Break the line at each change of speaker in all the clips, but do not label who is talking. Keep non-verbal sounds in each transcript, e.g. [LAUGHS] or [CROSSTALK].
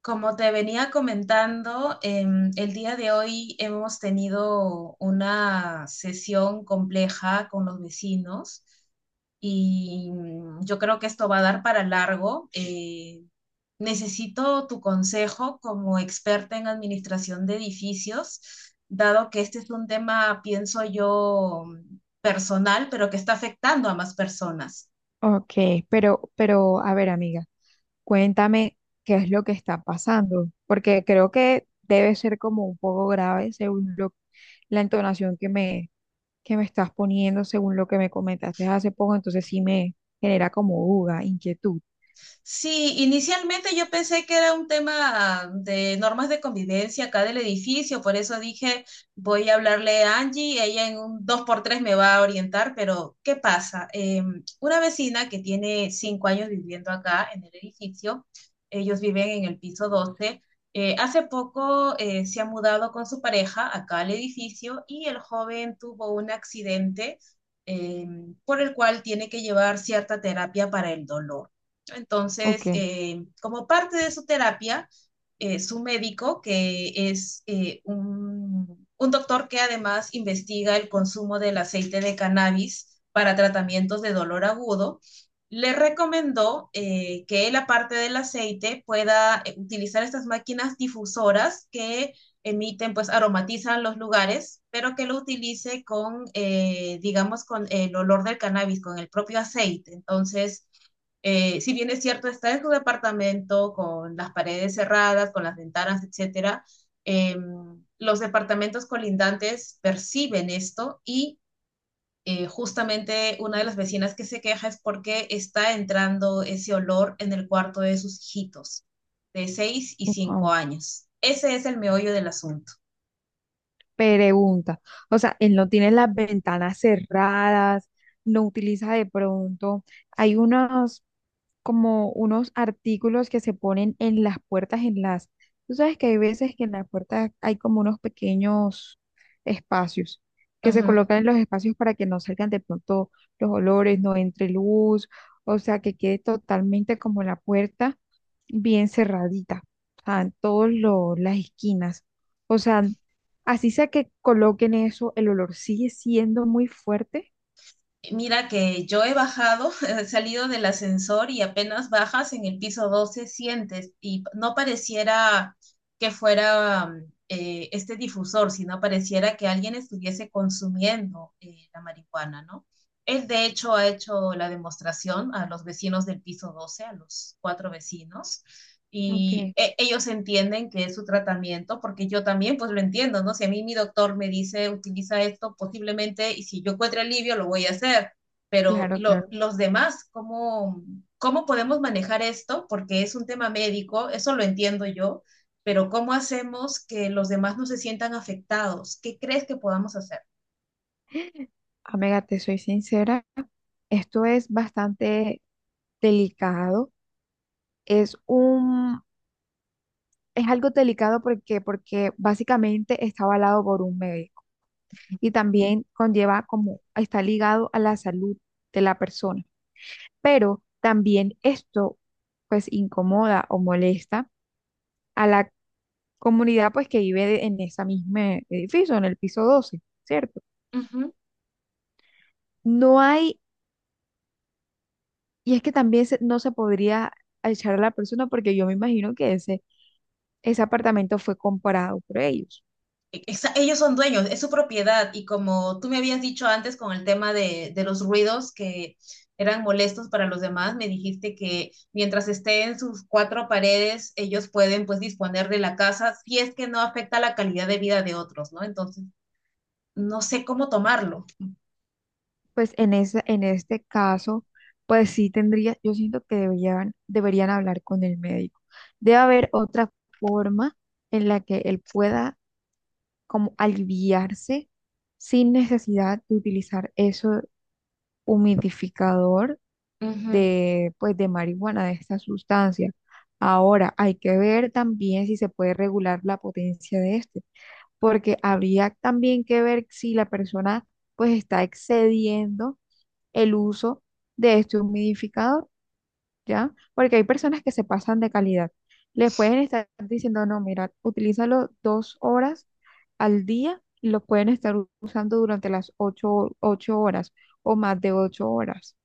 Como te venía comentando, el día de hoy hemos tenido una sesión compleja con los vecinos y yo creo que esto va a dar para largo. Necesito tu consejo como experta en administración de edificios, dado que este es un tema, pienso yo, personal, pero que está afectando a más personas.
Ok, pero, a ver, amiga, cuéntame qué es lo que está pasando, porque creo que debe ser como un poco grave según la entonación que que me estás poniendo, según lo que me comentaste hace poco, entonces sí me genera como duda, inquietud.
Sí, inicialmente yo pensé que era un tema de normas de convivencia acá del edificio, por eso dije, voy a hablarle a Angie, ella en un dos por tres me va a orientar, pero ¿qué pasa? Una vecina que tiene 5 años viviendo acá en el edificio, ellos viven en el piso 12, hace poco se ha mudado con su pareja acá al edificio y el joven tuvo un accidente eh, por el cual tiene que llevar cierta terapia para el dolor.
Ok,
Entonces, como parte de su terapia, su médico, que es un doctor que además investiga el consumo del aceite de cannabis para tratamientos de dolor agudo, le recomendó que él, aparte del aceite, pueda utilizar estas máquinas difusoras que emiten, pues aromatizan los lugares, pero que lo utilice con, digamos, con el olor del cannabis, con el propio aceite. Entonces, si bien es cierto, está en su departamento con las paredes cerradas, con las ventanas, etcétera, eh, los departamentos colindantes perciben esto y justamente una de las vecinas que se queja es porque está entrando ese olor en el cuarto de sus hijitos de seis y cinco
ujú.
años. Ese es el meollo del asunto.
Pregunta. O sea, él no tiene las ventanas cerradas, no utiliza de pronto. Hay unos. Como unos artículos que se ponen en las puertas, en las... Tú sabes que hay veces que en las puertas hay como unos pequeños espacios que se colocan en los espacios para que no salgan de pronto los olores, no entre luz, o sea, que quede totalmente como la puerta bien cerradita, o sea, en todas las esquinas. O sea, así sea que coloquen eso, el olor sigue siendo muy fuerte,
Mira que yo he bajado, [LAUGHS] he salido del ascensor y apenas bajas en el piso 12 sientes y no pareciera que fuera este difusor, sino pareciera que alguien estuviese consumiendo la marihuana, ¿no? Él de hecho ha hecho la demostración a los vecinos del piso 12, a los cuatro vecinos, y
aunque,
ellos entienden que es su tratamiento, porque yo también pues lo entiendo, ¿no? Si a mí mi doctor me dice utiliza esto posiblemente y si yo encuentro alivio lo voy a hacer, pero ¿y
claro, claro,
los demás? ¿Cómo podemos manejar esto? Porque es un tema médico, eso lo entiendo yo, pero ¿cómo hacemos que los demás no se sientan afectados? ¿Qué crees que podamos hacer?
amiga, te soy sincera. Esto es bastante delicado. Es un, es algo delicado porque básicamente está avalado por un médico y también conlleva como está ligado a la salud de la persona. Pero también esto pues incomoda o molesta a la comunidad pues que vive en ese mismo edificio, en el piso 12, ¿cierto? No hay, y es que también no se podría echar a la persona porque yo me imagino que ese apartamento fue comprado por ellos.
Ellos son dueños, es su propiedad. Y como tú me habías dicho antes con el tema de los ruidos que eran molestos para los demás, me dijiste que mientras esté en sus cuatro paredes, ellos pueden pues disponer de la casa si es que no afecta la calidad de vida de otros, ¿no? Entonces, no sé cómo tomarlo.
Pues en en este caso, pues sí tendría, yo siento que deberían hablar con el médico. Debe haber otra forma en la que él pueda como aliviarse sin necesidad de utilizar ese humidificador
Ujú,
de, pues, de marihuana, de esta sustancia. Ahora, hay que ver también si se puede regular la potencia de este, porque habría también que ver si la persona, pues, está excediendo el uso de este humidificador, ¿ya? Porque hay personas que se pasan de calidad. Les pueden estar diciendo, no, mira, utilízalo dos horas al día y lo pueden estar usando durante las 8, 8 horas o más de 8 horas.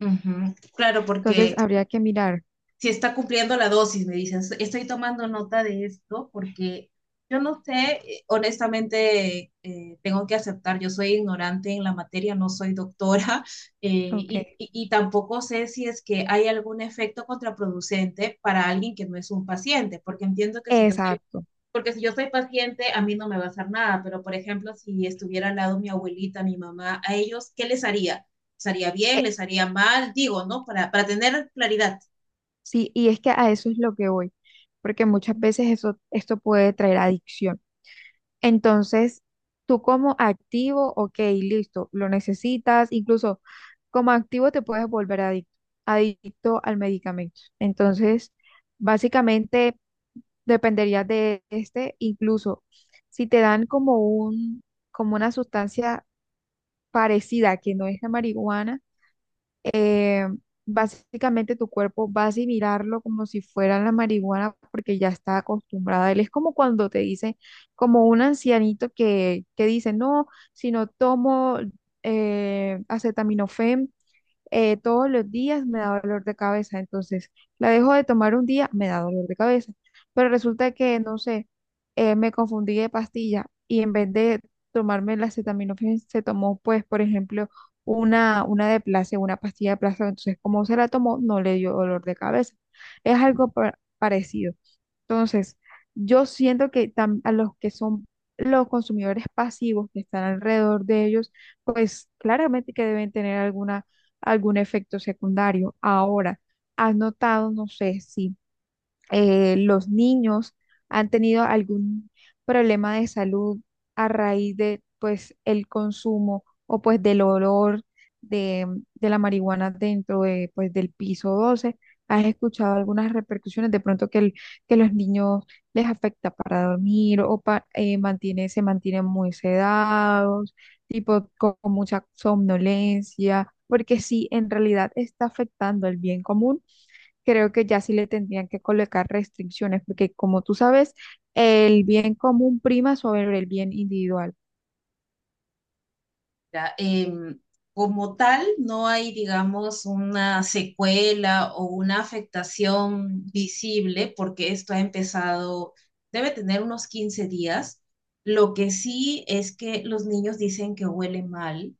ujú. Claro,
Entonces,
porque
habría que mirar,
si está cumpliendo la dosis, me dicen, estoy tomando nota de esto porque yo no sé, honestamente, tengo que aceptar, yo soy ignorante en la materia, no soy doctora [LAUGHS]
ok.
y tampoco sé si es que hay algún efecto contraproducente para alguien que no es un paciente, porque entiendo que si yo soy,
Exacto.
porque si yo soy paciente, a mí no me va a hacer nada, pero por ejemplo, si estuviera al lado mi abuelita, mi mamá, a ellos, ¿qué les haría? ¿Les haría
Eh,
bien? ¿Les haría mal? Digo, ¿no? Para tener claridad.
sí, y es que a eso es lo que voy, porque muchas veces eso, esto puede traer adicción. Entonces, tú como activo, ok, listo, lo necesitas, incluso como activo te puedes volver adicto, adicto al medicamento. Entonces, básicamente dependería de este, incluso si te dan como como una sustancia parecida que no es la marihuana eh, básicamente tu cuerpo va a asimilarlo como si fuera la marihuana porque ya está acostumbrada. Él es como cuando te dice, como un ancianito que dice, no, si no tomo acetaminofén, todos los días me da dolor de cabeza, entonces la dejo de tomar un día, me da dolor de cabeza, pero resulta que, no sé, me confundí de pastilla y en vez de tomarme la acetaminofén se tomó, pues, por ejemplo, una de placebo, una pastilla de placebo, entonces como se la tomó, no le dio dolor de cabeza. Es algo parecido. Entonces, yo siento que a los que son los consumidores pasivos que están alrededor de ellos, pues claramente que deben tener algún efecto secundario. Ahora, has notado, no sé si los niños han tenido algún problema de salud a raíz de pues el consumo o pues del olor de, de la marihuana dentro de, pues, del piso 12. ¿Has escuchado algunas repercusiones de pronto que, que los niños les afecta para dormir o mantiene, se mantienen muy sedados, tipo con mucha somnolencia? Porque sí, en realidad está afectando el bien común, creo que ya sí le tendrían que colocar restricciones, porque como tú sabes, el bien común prima sobre el bien individual.
Ya, como tal, no hay, digamos, una secuela o una afectación visible porque esto ha empezado, debe tener unos 15 días. Lo que sí es que los niños dicen que huele mal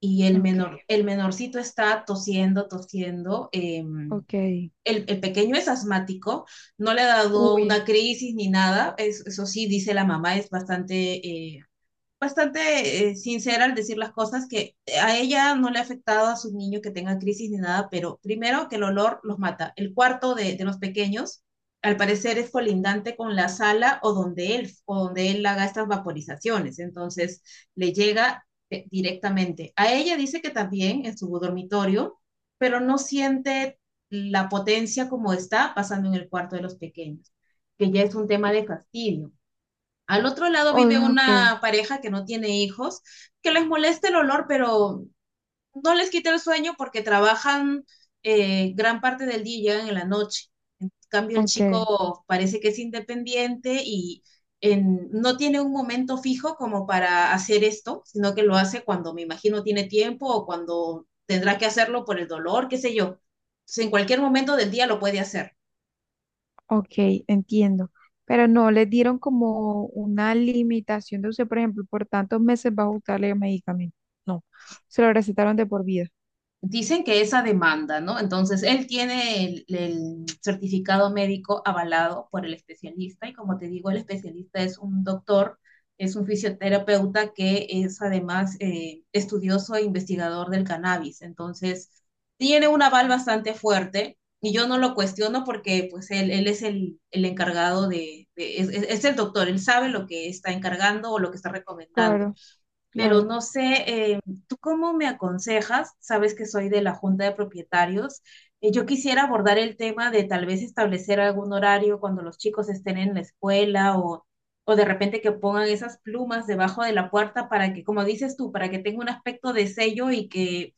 y el
Ok,
menor, el menorcito está tosiendo, tosiendo. em,
ok.
el, el pequeño es asmático, no le ha dado
Uy,
una crisis ni nada. Eso sí, dice la mamá, es bastante eh, bastante sincera al decir las cosas, que a ella no le ha afectado a sus niños que tengan crisis ni nada, pero primero que el olor los mata. El cuarto de los pequeños, al parecer, es colindante con la sala o donde él haga estas vaporizaciones, entonces le llega directamente. A ella dice que también en su dormitorio, pero no siente la potencia como está pasando en el cuarto de los pequeños, que ya es un tema de fastidio. Al otro lado vive
oh, ok,
una pareja que no tiene hijos, que les molesta el olor, pero no les quita el sueño porque trabajan gran parte del día y llegan en la noche. En cambio, el
ok,
chico parece que es independiente y no tiene un momento fijo como para hacer esto, sino que lo hace cuando me imagino tiene tiempo o cuando tendrá que hacerlo por el dolor, qué sé yo. Entonces, en cualquier momento del día lo puede hacer.
ok, entiendo. Pero no, les dieron como una limitación de uso, por ejemplo, por tantos meses va a usarle el medicamento. No, se lo recetaron de por vida.
Dicen que esa demanda, ¿no? Entonces, él tiene el certificado médico avalado por el especialista y como te digo, el especialista es un doctor, es un fisioterapeuta que es además estudioso e investigador del cannabis. Entonces, tiene un aval bastante fuerte y yo no lo cuestiono porque pues él es el encargado es el doctor, él sabe lo que está encargando o lo que está recomendando,
Claro,
pero
claro.
no sé, eh, ¿tú cómo me aconsejas? Sabes que soy de la Junta de Propietarios. Yo quisiera abordar el tema de tal vez establecer algún horario cuando los chicos estén en la escuela, o de repente que pongan esas plumas debajo de la puerta para que, como dices tú, para que tenga un aspecto de sello y que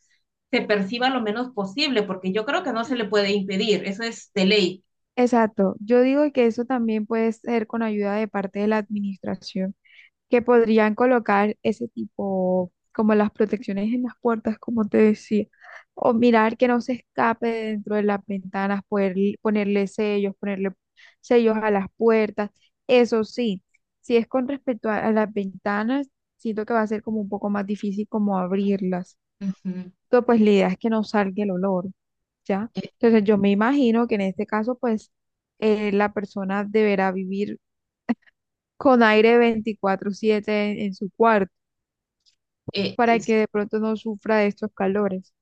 se perciba lo menos posible, porque yo creo que no se le puede impedir, eso es de ley.
Exacto. Yo digo que eso también puede ser con ayuda de parte de la administración que podrían colocar ese tipo, como las protecciones en las puertas, como te decía, o mirar que no se escape dentro de las ventanas, poder, ponerle sellos a las puertas. Eso sí, si es con respecto a las ventanas, siento que va a ser como un poco más difícil como abrirlas.
Ujú.
Entonces, pues la idea es que no salga el olor, ¿ya?
Eh,
Entonces, yo me imagino que en este caso, pues, la persona deberá vivir con aire 24/7 en su cuarto
eh,
para
es-
que de pronto no sufra de estos calores.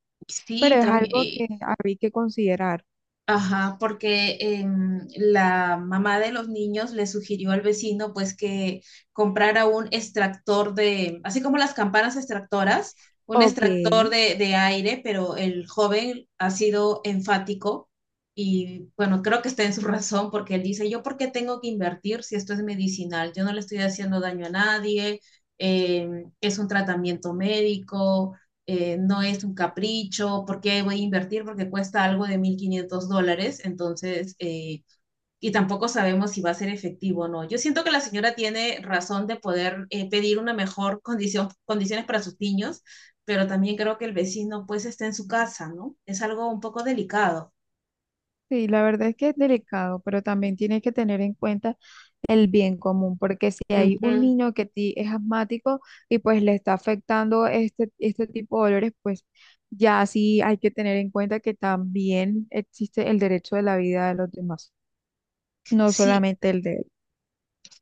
Pero
sí,
es algo
también.
que habría que considerar.
Ajá, porque la mamá de los niños le sugirió al vecino pues que comprara un extractor de, así como las campanas extractoras, un
Ok,
extractor
sí,
de aire, pero el joven ha sido enfático y bueno, creo que está en su razón porque él dice, yo por qué tengo que invertir si esto es medicinal, yo no le estoy haciendo daño a nadie, es un tratamiento médico, no es un capricho, ¿por qué voy a invertir? Porque cuesta algo de 1.500 dólares, entonces, y tampoco sabemos si va a ser efectivo o no. Yo siento que la señora tiene razón de poder pedir una mejor condición, condiciones para sus niños, pero también creo que el vecino pues está en su casa, ¿no? Es algo un poco delicado.
la verdad es que es delicado, pero también tienes que tener en cuenta el bien común, porque si hay un
Ujú.
niño que ti es asmático y pues le está afectando este, este tipo de dolores, pues ya sí hay que tener en cuenta que también existe el derecho de la vida de los demás, no
Sí,
solamente el de él.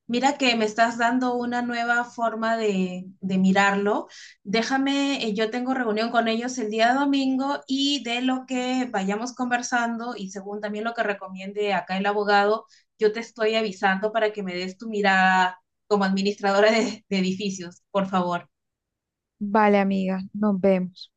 mira que me estás dando una nueva forma de mirarlo. Déjame, yo tengo reunión con ellos el día domingo y de lo que vayamos conversando y según también lo que recomiende acá el abogado, yo te estoy avisando para que me des tu mirada como administradora de edificios, por favor.
Vale, amiga, nos vemos.